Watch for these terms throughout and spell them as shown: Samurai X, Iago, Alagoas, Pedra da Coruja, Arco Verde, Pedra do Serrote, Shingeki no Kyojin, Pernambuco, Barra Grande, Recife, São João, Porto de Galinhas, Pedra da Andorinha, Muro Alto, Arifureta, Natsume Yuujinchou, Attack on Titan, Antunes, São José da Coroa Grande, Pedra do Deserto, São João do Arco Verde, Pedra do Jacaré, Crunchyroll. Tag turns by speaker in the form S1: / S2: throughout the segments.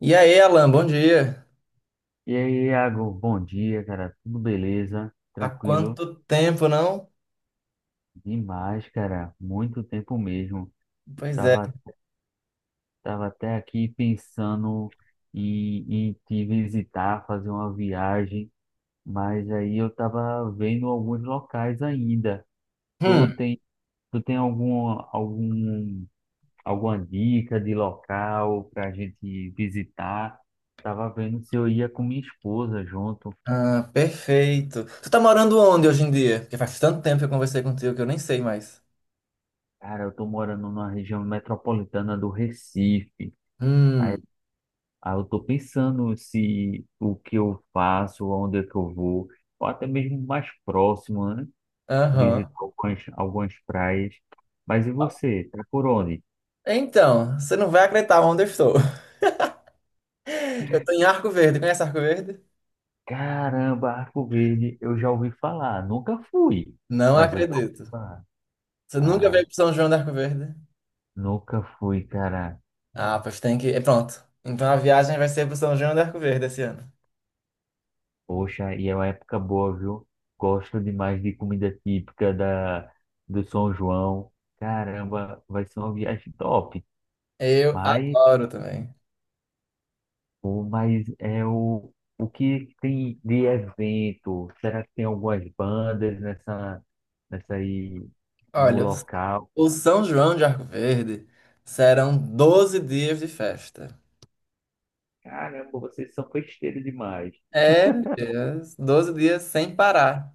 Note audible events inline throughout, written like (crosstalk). S1: E aí, Alan, bom dia.
S2: E aí, Iago, bom dia, cara. Tudo beleza?
S1: Há
S2: Tranquilo?
S1: quanto tempo, não?
S2: Demais, cara. Muito tempo mesmo.
S1: Pois é.
S2: Tava, tava até aqui pensando em te visitar, fazer uma viagem, mas aí eu tava vendo alguns locais ainda. Tu
S1: Hum,
S2: tem, tu tem alguma dica de local pra gente visitar? Tava vendo se eu ia com minha esposa junto.
S1: ah, perfeito. Tu tá morando onde hoje em dia? Porque faz tanto tempo que eu conversei contigo que eu nem sei mais.
S2: Cara, eu tô morando numa região metropolitana do Recife. Aí,
S1: Hum,
S2: aí eu tô pensando se o que eu faço, aonde é que eu vou, ou até mesmo mais próximo, né? Visitar
S1: aham.
S2: algumas praias. Mas e você? Tá por onde?
S1: Então, você não vai acreditar onde eu estou. (laughs) Eu tô em Arco Verde. Conhece Arco Verde?
S2: Caramba, Arco Verde, eu já ouvi falar. Nunca fui,
S1: Não
S2: mas eu já ouvi
S1: acredito.
S2: falar.
S1: Você nunca
S2: Ah,
S1: veio pro São João do Arco Verde?
S2: nunca fui, cara.
S1: Ah, pois tem que, é, pronto. Então a viagem vai ser pro São João do Arco Verde esse ano.
S2: Poxa, e é uma época boa, viu? Gosto demais de comida típica do São João. Caramba, vai ser uma viagem top.
S1: Eu
S2: Mas,
S1: adoro também.
S2: o- mas é o, o que tem de evento? Será que tem algumas bandas nessa aí no
S1: Olha, eu
S2: local?
S1: o São João de Arco Verde serão 12 dias de festa.
S2: Caramba, vocês são festeiros demais.
S1: É, yes, 12 dias sem parar.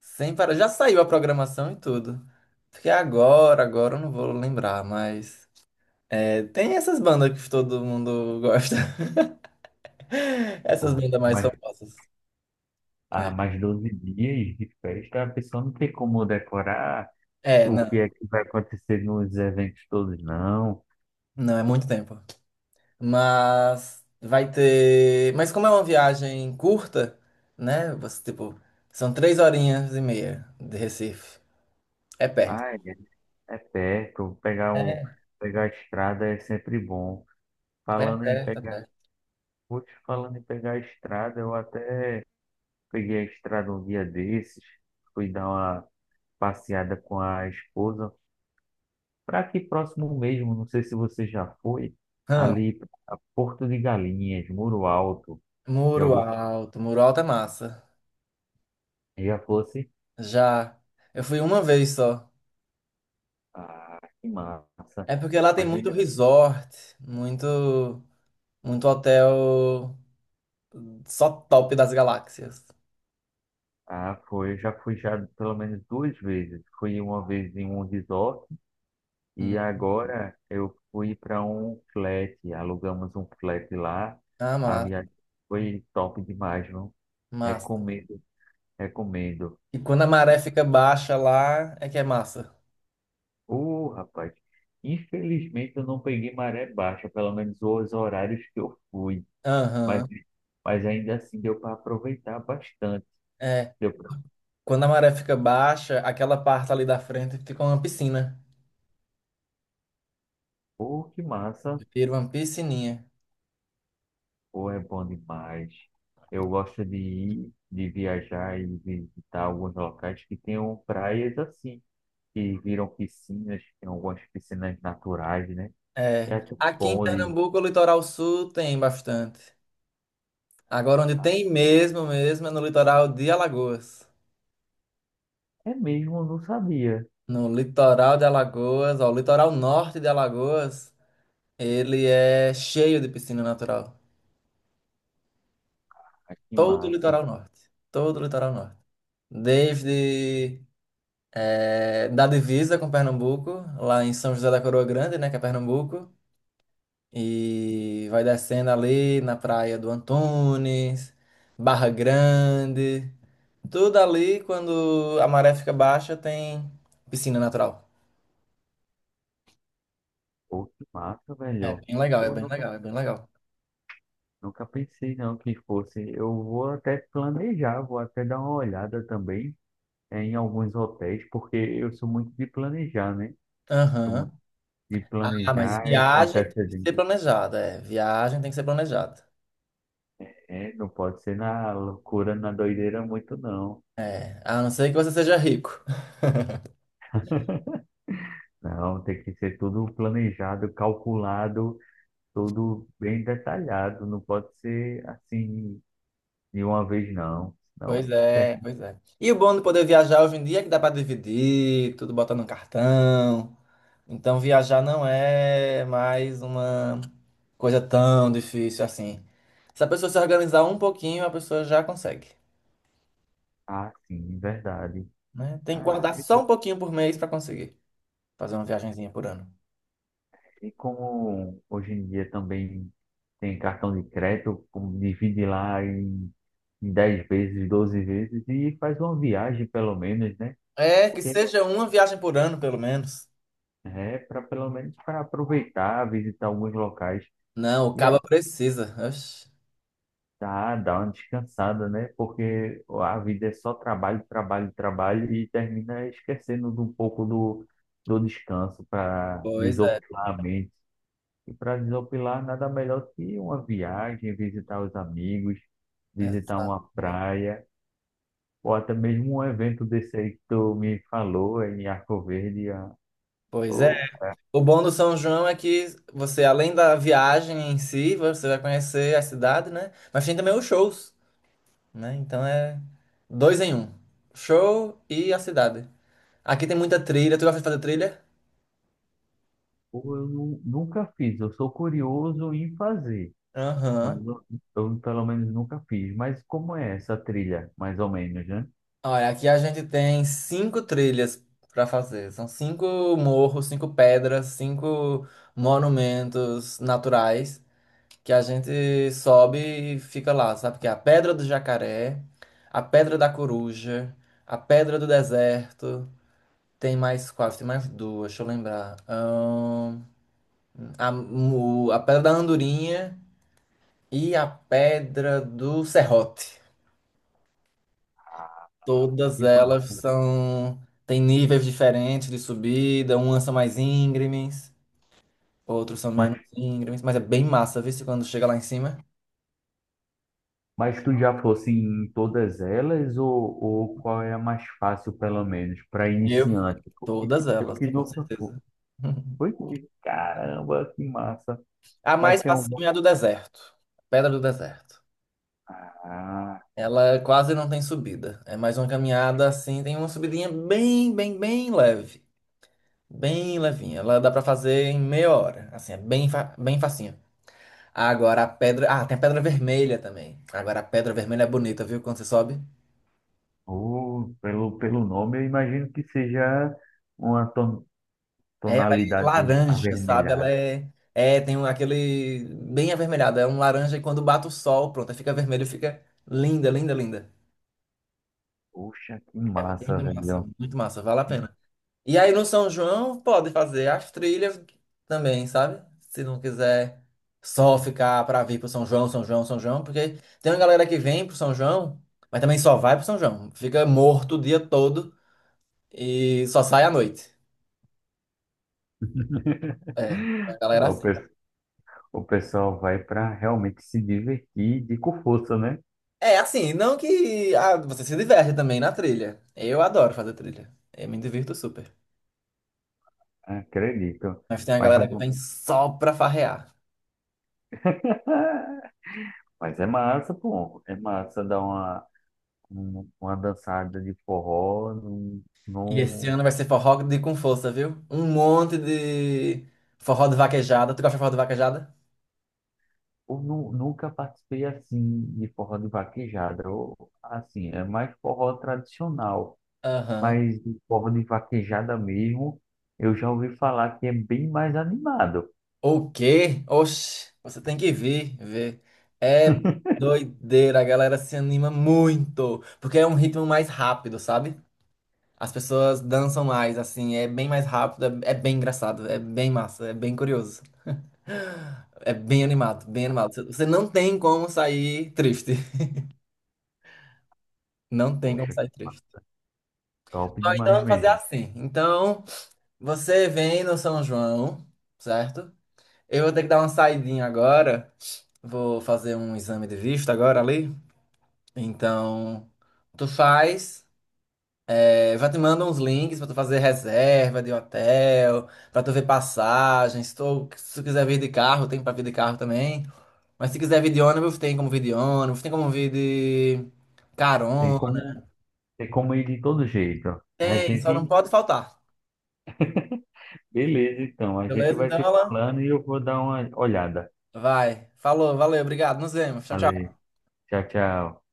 S1: Sem parar. Já saiu a programação e tudo. Porque agora eu não vou lembrar, mas é, tem essas bandas que todo mundo gosta. (laughs) Essas
S2: Ah,
S1: bandas mais
S2: mas
S1: famosas. É,
S2: há mais 12 dias de festa, a pessoa não tem como decorar
S1: é,
S2: o
S1: não,
S2: que é que vai acontecer nos eventos todos, não.
S1: não é muito tempo. Mas vai ter. Mas como é uma viagem curta, né? Você, tipo, são 3 horinhas e meia de Recife. É perto.
S2: Ah, é, é perto. Pegar a estrada é sempre bom.
S1: É
S2: Falando em
S1: perto, é
S2: pegar,
S1: perto.
S2: putz, falando em pegar a estrada, eu até peguei a estrada um dia desses. Fui dar uma passeada com a esposa. Para aqui próximo mesmo, não sei se você já foi,
S1: Hã,
S2: ali pra Porto de Galinhas, Muro Alto. Já,
S1: Muro Alto. Muro Alto é massa.
S2: já fosse?
S1: Já. Eu fui uma vez só.
S2: Ah, que massa.
S1: É porque lá tem
S2: Mas
S1: muito
S2: ainda.
S1: resort, muito, muito hotel só top das galáxias.
S2: Ah, foi. Já fui já pelo menos duas vezes. Fui uma vez em um resort. E
S1: Hum.
S2: agora eu fui para um flat, alugamos um flat lá.
S1: Ah,
S2: A
S1: massa,
S2: viagem foi top demais, viu?
S1: massa.
S2: Recomendo, recomendo.
S1: E quando a maré fica baixa lá, é que é massa.
S2: Rapaz, infelizmente eu não peguei maré baixa, pelo menos os horários que eu fui. Mas,
S1: Aham,
S2: mas ainda assim deu para aproveitar bastante.
S1: é.
S2: Deu para,
S1: Quando a maré fica baixa, aquela parte ali da frente fica uma piscina.
S2: pô, que massa,
S1: Vira uma piscininha.
S2: pô, é bom demais. Eu gosto de ir, de viajar e visitar alguns locais que tenham praias assim que viram piscinas, tem algumas piscinas naturais, né? E
S1: É.
S2: aqui um
S1: Aqui em
S2: bonde.
S1: Pernambuco, o litoral sul tem bastante. Agora, onde tem mesmo, mesmo, é no litoral de Alagoas.
S2: É mesmo, eu não sabia.
S1: No litoral de Alagoas, ó, o litoral norte de Alagoas, ele é cheio de piscina natural.
S2: Ah, que
S1: Todo o
S2: massa.
S1: litoral norte. Todo o litoral norte. Desde eh, da divisa com Pernambuco, lá em São José da Coroa Grande, né, que é Pernambuco, e vai descendo ali na praia do Antunes, Barra Grande. Tudo ali, quando a maré fica baixa, tem piscina natural.
S2: Pô, que massa,
S1: É
S2: velho.
S1: bem legal, é
S2: Pô,
S1: bem
S2: nunca,
S1: legal, é bem legal.
S2: nunca pensei não que fosse. Eu vou até planejar, vou até dar uma olhada também em alguns hotéis, porque eu sou muito de planejar, né? Sou
S1: Aham.
S2: muito de
S1: Ah, mas
S2: planejar com
S1: viagem tem que
S2: antecedência.
S1: ser planejada. É, viagem tem que ser planejada.
S2: É, não pode ser na loucura, na doideira muito, não.
S1: É, a não ser que você seja rico. (laughs)
S2: Não, tem que ser tudo planejado, calculado tudo bem detalhado, não pode ser assim de uma vez não,
S1: Pois
S2: não
S1: é,
S2: terminar
S1: pois é. E o bom de poder viajar hoje em dia é que dá pra dividir, tudo bota no cartão. Então viajar não é mais uma coisa tão difícil assim. Se a pessoa se organizar um pouquinho, a pessoa já consegue,
S2: assim, verdade.
S1: né? Tem que
S2: Ah,
S1: guardar
S2: hoje em
S1: só um
S2: dia,
S1: pouquinho por mês para conseguir fazer uma viagenzinha por ano.
S2: e como hoje em dia também tem cartão de crédito, como divide lá em 10 vezes, 12 vezes e faz uma viagem pelo menos, né?
S1: É, que
S2: Porque
S1: seja uma viagem por ano, pelo menos.
S2: é para pelo menos para aproveitar, visitar alguns locais.
S1: Não, o
S2: E
S1: caba precisa. Oxe.
S2: tá dá uma descansada, né? Porque a vida é só trabalho, trabalho, trabalho e termina esquecendo de um pouco do descanso para
S1: Pois é,
S2: desopilar a mente. E para desopilar, nada melhor que uma viagem, visitar os amigos, visitar uma
S1: exatamente.
S2: praia, ou até mesmo um evento desse aí que tu me falou em Arco Verde. Ah,
S1: Pois é.
S2: pô, cara,
S1: O bom do São João é que você, além da viagem em si, você vai conhecer a cidade, né? Mas tem também os shows, né? Então é dois em um. Show e a cidade. Aqui tem muita trilha. Tu gosta de fazer trilha?
S2: pô, eu nunca fiz, eu sou curioso em fazer. Mas
S1: Aham.
S2: eu, pelo menos nunca fiz. Mas como é essa trilha, mais ou menos, né?
S1: Olha, aqui a gente tem cinco trilhas para fazer. São cinco morros, cinco pedras, cinco monumentos naturais que a gente sobe e fica lá, sabe? Que é a Pedra do Jacaré, a Pedra da Coruja, a Pedra do Deserto. Tem mais quatro, tem mais duas, deixa eu lembrar. A Pedra da Andorinha e a Pedra do Serrote. Todas
S2: Que
S1: elas
S2: massa.
S1: são. Tem níveis diferentes de subida, umas são mais íngremes, outros são
S2: Mas,
S1: menos íngremes, mas é bem massa, viu? Se Quando chega lá em cima.
S2: mas tu já fosse em todas elas ou qual é a mais fácil, pelo menos, para
S1: E eu fui.
S2: iniciante? Porque
S1: Todas
S2: eu
S1: elas,
S2: que
S1: com
S2: nunca fui.
S1: certeza. (laughs)
S2: Foi? Caramba, que massa.
S1: A
S2: Mas
S1: mais
S2: tem alguma.
S1: facinha é a do deserto. Pedra do deserto.
S2: Ah,
S1: Ela quase não tem subida. É mais uma caminhada assim, tem uma subidinha bem, bem, bem leve. Bem levinha. Ela dá pra fazer em meia hora. Assim, é bem, bem facinho. Agora a pedra. Ah, tem a pedra vermelha também. Agora a pedra vermelha é bonita, viu? Quando você sobe.
S2: oh, pelo, pelo nome, eu imagino que seja uma
S1: É, ela é
S2: tonalidade
S1: laranja, sabe? Ela
S2: avermelhada.
S1: é. É, tem aquele. Bem avermelhado. É um laranja e quando bate o sol, pronto, aí fica vermelho, fica linda, linda, linda.
S2: Poxa, que
S1: É
S2: massa, velho.
S1: muito massa, vale a pena.
S2: (laughs)
S1: E aí no São João pode fazer as trilhas também, sabe? Se não quiser só ficar pra vir pro São João, São João, São João, porque tem uma galera que vem pro São João, mas também só vai pro São João. Fica morto o dia todo. E só sai à noite. É, a
S2: Aí
S1: galera
S2: o
S1: assim.
S2: O pessoal vai para realmente se divertir de com força, né?
S1: É, assim, não que ah, você se diverte também na trilha. Eu adoro fazer trilha. Eu me divirto super.
S2: Acredito.
S1: Mas tem a
S2: Mas,
S1: galera que
S2: eu-
S1: vem só pra farrear.
S2: (laughs) mas é massa, pô. É massa dar uma dançada de forró. Não,
S1: E esse
S2: não,
S1: ano vai ser forró de com força, viu? Um monte de forró de vaquejada. Tu gosta de forró de vaquejada?
S2: eu nunca participei assim de forró de vaquejada. Eu, assim, é mais forró tradicional.
S1: Aham.
S2: Mas de forró de vaquejada mesmo, eu já ouvi falar que é bem mais animado.
S1: O quê? Oxe, você tem que vir, ver. É doideira, a galera se anima muito. Porque é um ritmo mais rápido, sabe? As pessoas dançam mais, assim, é bem mais rápido, é, é bem engraçado, é bem massa, é bem curioso. É bem animado, bem animado. Você não tem como sair triste. Não tem como
S2: Poxa,
S1: sair triste.
S2: top
S1: Ó, então
S2: demais
S1: vamos fazer
S2: mesmo.
S1: assim. Então, você vem no São João, certo? Eu vou ter que dar uma saidinha agora. Vou fazer um exame de vista agora ali. Então, tu faz. É, já te mando uns links pra tu fazer reserva de hotel, pra tu ver passagens. Se tu quiser vir de carro, tem pra vir de carro também. Mas se quiser vir de ônibus, tem como vir de ônibus, tem como vir de
S2: Tem
S1: carona.
S2: como. Tem como ir de todo jeito. A
S1: Tem, só não
S2: gente,
S1: pode faltar.
S2: (laughs) beleza, então. A gente
S1: Beleza?
S2: vai
S1: Então,
S2: se
S1: Alan?
S2: falando e eu vou dar uma olhada.
S1: Vai. Falou, valeu, obrigado. Nos vemos. Tchau, tchau.
S2: Valeu. Tchau, tchau.